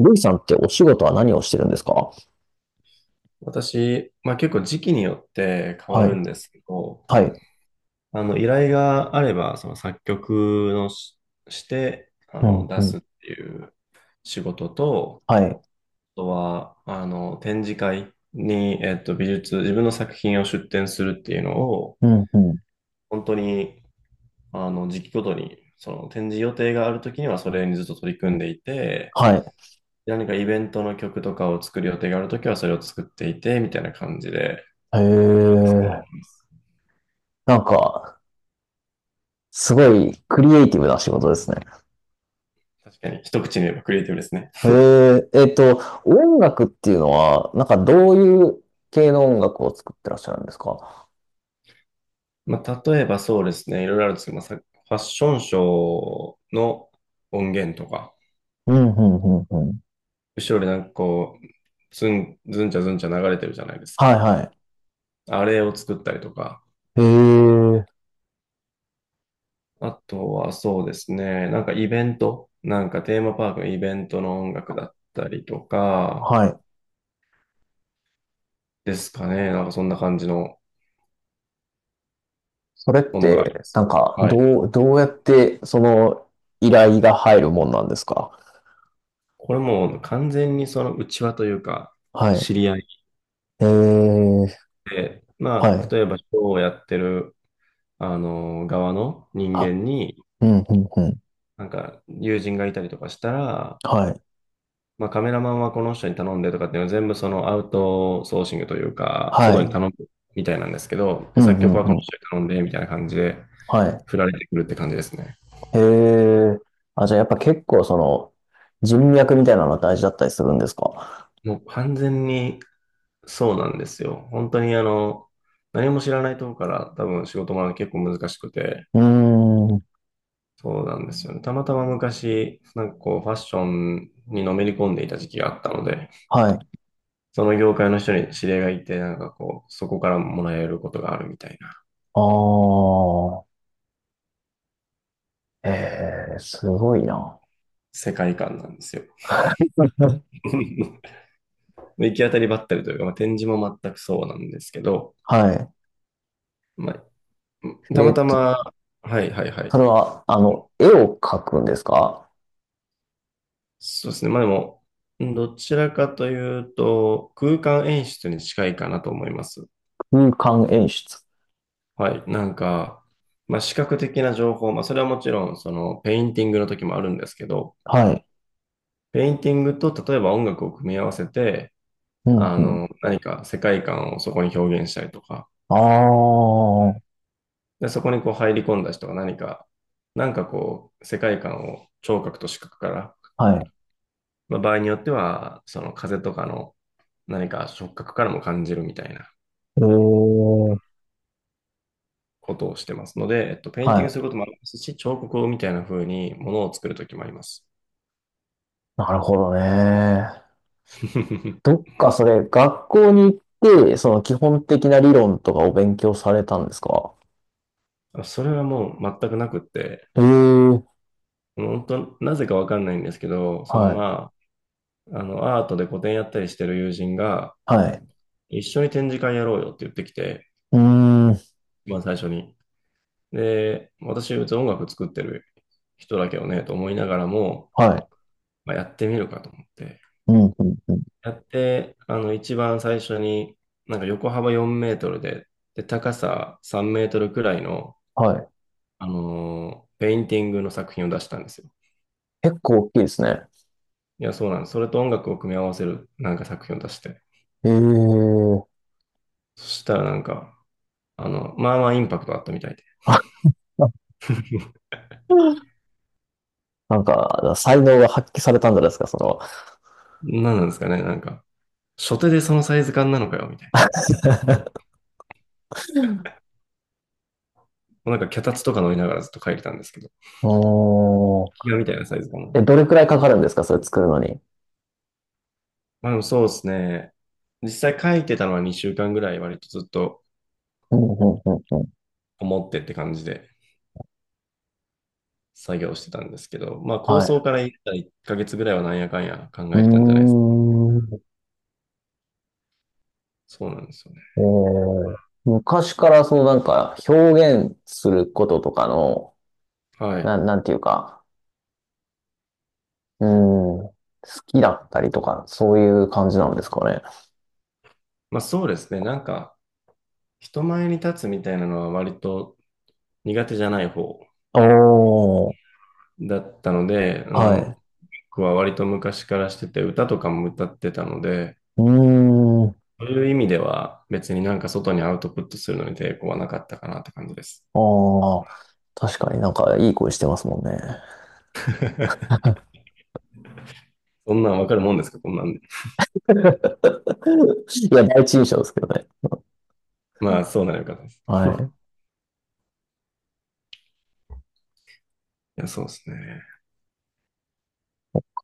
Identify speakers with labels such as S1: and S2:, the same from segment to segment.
S1: ルイさんってお仕事は何をしてるんですか？
S2: 私、まあ結構時期によって変わ
S1: は
S2: る
S1: い。
S2: んですけど、
S1: はい。
S2: 依頼があれば、その作曲のして、
S1: うん、
S2: 出
S1: うん。
S2: すっていう仕事と、
S1: はい。
S2: あとは、展示会に、自分の作品を出展するっていうのを、
S1: うん、うん。
S2: 本当に、時期ごとに、その展示予定があるときにはそれにずっと取り組んでいて、
S1: はい。
S2: 何かイベントの曲とかを作る予定があるときはそれを作っていて、みたいな感じで、
S1: へえ。なんか、すごいクリエイティブな仕事ですね。
S2: 確かに、一口に言えばクリエイティブですね。
S1: へえ。音楽っていうのは、なんかどういう系の音楽を作ってらっしゃるんですか？
S2: まあ、例えばそうですね、いろいろあるんですけど、まあ、ファッションショーの音源とか、
S1: うん、うん、うん、うん。
S2: 後ろでなんかこう、ずん、ずんちゃずんちゃ流れてるじゃないです
S1: は
S2: か。
S1: い、はい。
S2: あれを作ったりとか、
S1: へえ。
S2: あとはそうですね、なんかイベント、なんかテーマパークのイベントの音楽だったりとか、
S1: はい。
S2: ですかね、なんかそんな感じの
S1: それっ
S2: ものがありま
S1: て、
S2: す。はい。
S1: どうやって、依頼が入るもんなんですか？
S2: これもう完全にその内輪というか、
S1: は
S2: 知
S1: い。
S2: り合い
S1: えー、
S2: で、
S1: は
S2: まあ、
S1: い。
S2: 例えばショーをやってる、側の人
S1: あ、
S2: 間に、
S1: うん、うん、うん。
S2: なんか、友人がいたりとかしたら、
S1: はい。
S2: まあ、カメラマンはこの人に頼んでとかっていうのは全部そのアウトソーシングというか、
S1: は
S2: 外に
S1: い。
S2: 頼むみたいなんですけど、で、
S1: うん、
S2: 作曲は
S1: う
S2: こ
S1: ん、
S2: の
S1: うん。
S2: 人に頼んでみたいな感じで、
S1: はい。
S2: 振られてくるって感じですね。
S1: へえ。あ、じゃあやっぱ結構その人脈みたいなのは大事だったりするんですか？
S2: もう完全にそうなんですよ。本当に何も知らないところから多分仕事も結構難しくて、
S1: うーん。
S2: そうなんですよね。たまたま昔、なんかこう、ファッションにのめり込んでいた時期があったので、
S1: はい。
S2: その業界の人に知り合いがいて、なんかこう、そこからもらえることがあるみたいな
S1: ああ。ええ、すごいな。
S2: 世界観なんですよ。行き当たりばったりというか、まあ、展示も全くそうなんですけど、
S1: はい。
S2: まあ、た
S1: え
S2: ま
S1: ーっ
S2: た
S1: と、
S2: ま、はいはいは
S1: それ
S2: い。
S1: は、絵を描くんですか？
S2: そうですね。まあでも、どちらかというと、空間演出に近いかなと思います。
S1: 空間演出。
S2: はい。なんか、まあ、視覚的な情報、まあ、それはもちろん、その、ペインティングの時もあるんですけど、
S1: はい。
S2: ペインティングと、例えば音楽を組み合わせて、
S1: うん、うん。
S2: 何か世界観をそこに表現したりとか、
S1: ああ。
S2: で、そこにこう入り込んだ人が何か、なんかこう、世界観を聴覚と視覚から、
S1: はい。
S2: まあ、場合によっては、その風とかの何か触覚からも感じるみたいな
S1: ええ。
S2: ことをしてますので、ペインティ
S1: は
S2: ングする
S1: い。
S2: こともありますし、彫刻みたいな風にものを作る時もあります。
S1: なるほどね。どっかそれ、学校に行って、その基本的な理論とかを勉強されたんですか？
S2: あそれはもう全くなくって、
S1: ええー、
S2: 本当、なぜかわかんないんですけど、その
S1: はい、
S2: まあ、アートで個展やったりしてる友人が、
S1: はい。
S2: 一緒に展示会やろうよって言ってきて、
S1: うーん、
S2: まあ最初に。で、私、別に音楽作ってる人だけどね、と思いながらも、
S1: はい。
S2: まあ、やってみるかと思って。
S1: うん、うん、うん。
S2: やって、一番最初に、なんか横幅4メートルで、高さ3メートルくらいの、
S1: はい。
S2: ペインティングの作品を出したんですよ。
S1: 結構大きいですね。
S2: いや、そうなんです。それと音楽を組み合わせるなんか作品を出して。
S1: ええー、
S2: そしたらなんか、まあまあインパクトあったみたいで。
S1: あ、なんか、才能が発揮されたんじゃないですか、その。
S2: 何なんですかね、なんか、初手でそのサイズ感なのかよ、みたいな。もうなんか脚立とか乗りながらずっと書いてたんですけど、
S1: おー。
S2: ギガみたいなサイズ感の。
S1: え、どれくらいかかるんですか、それ作るのに。
S2: まあでもそうですね。実際書いてたのは2週間ぐらい割とずっと
S1: うん、うん、うん、うん。
S2: 思ってって感じで作業してたんですけど、まあ構
S1: は
S2: 想
S1: い。
S2: から言ったら1ヶ月ぐらいはなんやかんや考
S1: う
S2: えてたんじゃないですか。
S1: ーん。
S2: そうなんですよね。
S1: えー、昔からそのなんか表現することとかの
S2: はい。
S1: なんていうか、うーん、好きだったりとか、そういう感じなんですかね。
S2: まあそうですね。なんか人前に立つみたいなのは割と苦手じゃない方
S1: おー、
S2: だったので、
S1: はい。
S2: 僕は割と昔からしてて、歌とかも歌ってたので、
S1: うーん、
S2: そういう意味では別になんか外にアウトプットするのに抵抗はなかったかなって感じです。
S1: ああ、確かになんかいい声してますもんね。
S2: そんなんわかるもんですかこんなんで。
S1: いや、第一印象ですけどね。
S2: まあ、そうならよかったです。
S1: はい。
S2: いや、そうですね。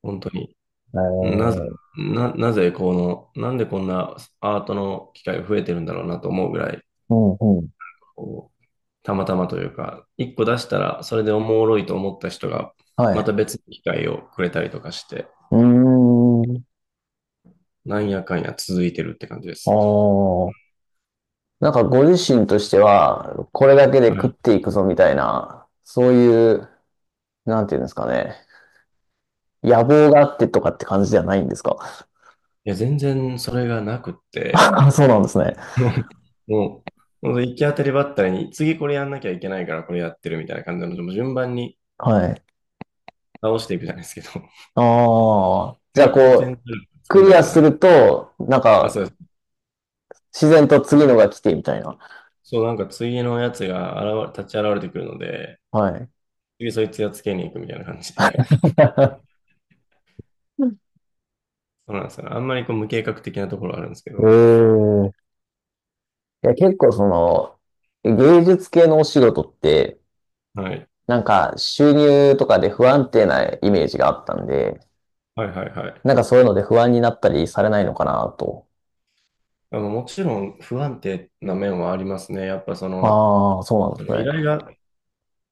S2: 本当に。
S1: え
S2: なぜ、
S1: ー、
S2: な、なぜこの、なんでこんなアートの機会が増えてるんだろうなと思うぐらい、
S1: うんうん。
S2: こう、たまたまというか、一個出したらそれでおもろいと思った人が、
S1: は
S2: ま
S1: い。
S2: た別の機会をくれたりとかして、
S1: うーん、
S2: なんやかんや続いてるって感じで
S1: あ
S2: す。
S1: あ。なんかご自身としては、これだけで
S2: は
S1: 食
S2: い。
S1: っ
S2: い
S1: ていくぞみたいな、そういう、なんていうんですかね。野望があってとかって感じではないんですか？
S2: や、全然それがなくっ て、
S1: あ、そうなんですね。
S2: うんもう、ほんと行き当たりばったりに、次これやんなきゃいけないからこれやってるみたいな感じなので、もう順番に
S1: はい。
S2: 倒していくじゃないですけど、
S1: ああ。じゃあ
S2: 次この点
S1: こ
S2: 数
S1: う、
S2: 作
S1: ク
S2: んな
S1: リ
S2: い
S1: ア
S2: とな、
S1: す
S2: みたい
S1: ると、なん
S2: なあ、そ
S1: か、
S2: うです。
S1: 自然と次のが来てみたいな。
S2: そう、なんか次のやつが立ち現れてくるので、
S1: はい。
S2: 次そいつやっつけに行くみたいな感じで。そうなんですよね。あんまりこう無計画的なところはあるんですけ
S1: え
S2: ど。
S1: え。いや、結構その、芸術系のお仕事って、
S2: はい。
S1: なんか収入とかで不安定なイメージがあったんで、
S2: はいはいはい。
S1: なんかそういうので不安になったりされないのかなと。
S2: もちろん不安定な面はありますね。やっぱその、
S1: ああ、そうなん
S2: あ
S1: です
S2: の依
S1: ね。
S2: 頼が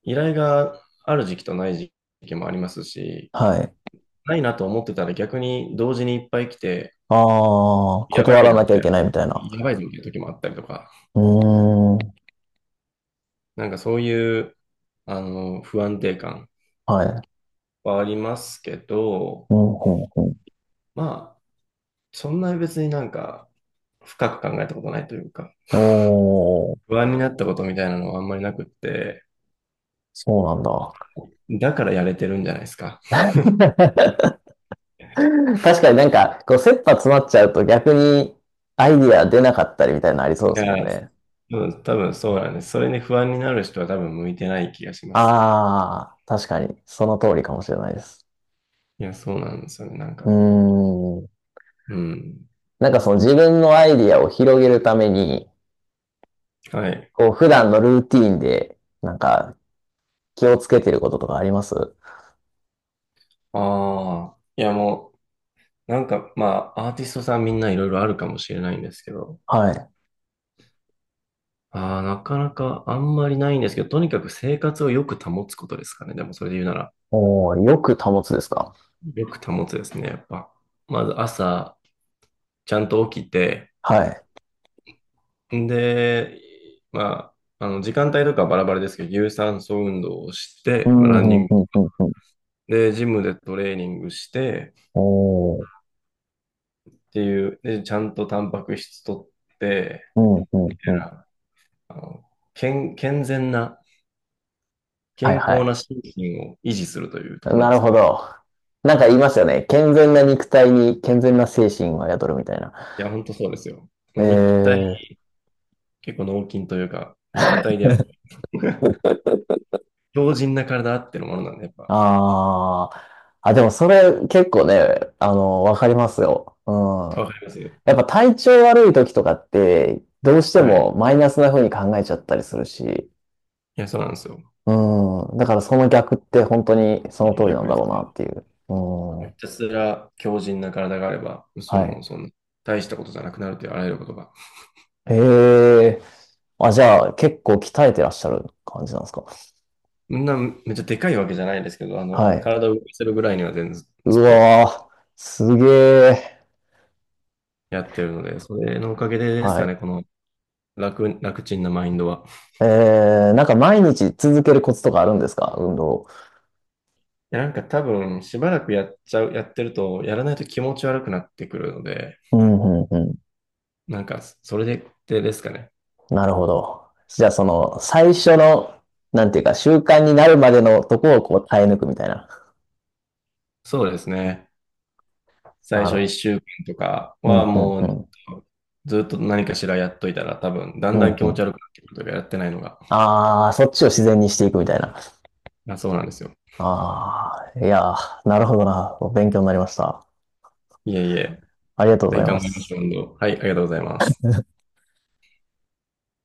S2: 依頼がある時期とない時期もありますし、
S1: はい。
S2: ないなと思ってたら逆に同時にいっぱい来て、
S1: ああ、
S2: やば
S1: 断
S2: い
S1: ら
S2: な
S1: な
S2: み
S1: きゃ
S2: た
S1: い
S2: いな、
S1: けないみたいな。
S2: やばいぞみたいな時もあったりとか、
S1: うーん。
S2: なんかそういう不安定感
S1: はい。
S2: はありますけど、
S1: うん、うん、
S2: まあ、そんなに別になんか深く考えたことないというか、
S1: うん。おー。
S2: 不安になったことみたいなのはあんまりなくって、
S1: そうなんだ。
S2: だからやれてるんじゃないですか。
S1: 確かになんか、こう、切羽詰まっちゃうと逆にアイディア出なかったりみたいなのありそうで
S2: い
S1: すもん
S2: や、
S1: ね。
S2: 多分そうなんです。それに不安になる人は多分向いてない気がします。
S1: ああ、確かに、その通りかもしれないです。
S2: いや、そうなんですよね。なん
S1: う
S2: か。
S1: ーん。
S2: うん。
S1: なんかその自分のアイディアを広げるために、
S2: はい。
S1: こう、普段のルーティーンで、なんか、気をつけてることとかあります？
S2: ああ。いやもう、なんか、まあ、アーティストさんみんないろいろあるかもしれないんですけど、
S1: はい。
S2: ああ、なかなかあんまりないんですけど、とにかく生活をよく保つことですかね。でもそれで言うなら、
S1: おー、よく保つですか？
S2: よく保つですね、やっぱ。まず朝、ちゃんと起きて、
S1: はい。
S2: んで、まあ、時間帯とかはバラバラですけど、有酸素運動をし
S1: う
S2: て、まあ、ランニ
S1: ん、うん、
S2: ン
S1: う
S2: グ、
S1: ん、うん、うん。
S2: で、ジムでトレーニングして、
S1: おー、
S2: っていう、で、ちゃんとタンパク質取って、
S1: うん、うん、うん。
S2: あの健全な、
S1: はい、
S2: 健
S1: は
S2: 康
S1: い。
S2: な心身を維持するというところ
S1: な
S2: で
S1: る
S2: すか
S1: ほ
S2: ね。
S1: ど。なんか言いますよね。健全な肉体に健全な精神は宿るみたいな。
S2: いや、本当そうですよ。
S1: え
S2: 肉体、
S1: ー、
S2: 結構脳筋というか、肉体でやっぱ 強靭な体あってのものなんで、やっぱ、
S1: あー。あ、でもそれ結構ね、あの、わかりますよ。うん。
S2: わかりますよ
S1: やっぱ体調悪い時とかって、どうして
S2: はい。
S1: もマイナスな風に考えちゃったりするし。
S2: いや、そうなんですよ。
S1: うん。だからその逆って本当にその通りな
S2: 逆
S1: んだ
S2: で
S1: ろ
S2: す
S1: うな
S2: ね。
S1: っていう。う
S2: ひ
S1: ん。
S2: たすら強靭な体があれば、そ
S1: はい。
S2: の、その、大したことじゃなくなるというあらゆることが。
S1: ええー。あ、じゃあ結構鍛えてらっしゃる感じなんですか。
S2: みんなめっちゃでかいわけじゃないですけど、
S1: はい。
S2: 体を動かせるぐらいには全然
S1: う
S2: ずっと
S1: わー、すげえ。
S2: やってるので、それのおかげでです
S1: は
S2: か
S1: い。
S2: ね、この楽ちんなマインドは。
S1: えー、なんか毎日続けるコツとかあるんですか運動を？
S2: や、なんか多分、しばらくやっちゃう、やってると、やらないと気持ち悪くなってくるので、
S1: うん、うん、う
S2: なんか、それで、ですかね。
S1: ん。なるほど。じゃあその、最初の、なんていうか、習慣になるまでのとこをこう耐え抜くみたいな。
S2: そうですね。最
S1: なる
S2: 初
S1: ほ
S2: 1週間とか
S1: ど。う
S2: はもう、
S1: ん、うん、
S2: ずっと何かしらやっといたら、多分、だ
S1: う
S2: ん
S1: ん。
S2: だ
S1: う
S2: ん
S1: ん、
S2: 気持
S1: う
S2: ち
S1: ん。
S2: 悪くなってくるというか、やってないのが。
S1: あー、そっちを自然にしていくみたいな。
S2: あ、そうなんですよ。
S1: あー、いやー、なるほどな。勉強になりました。
S2: いえいえ。
S1: ありがとう
S2: ぜ
S1: ご
S2: ひ
S1: ざい
S2: 頑
S1: ま
S2: 張りましょ
S1: す。
S2: う、運動。はい、ありがとうございます。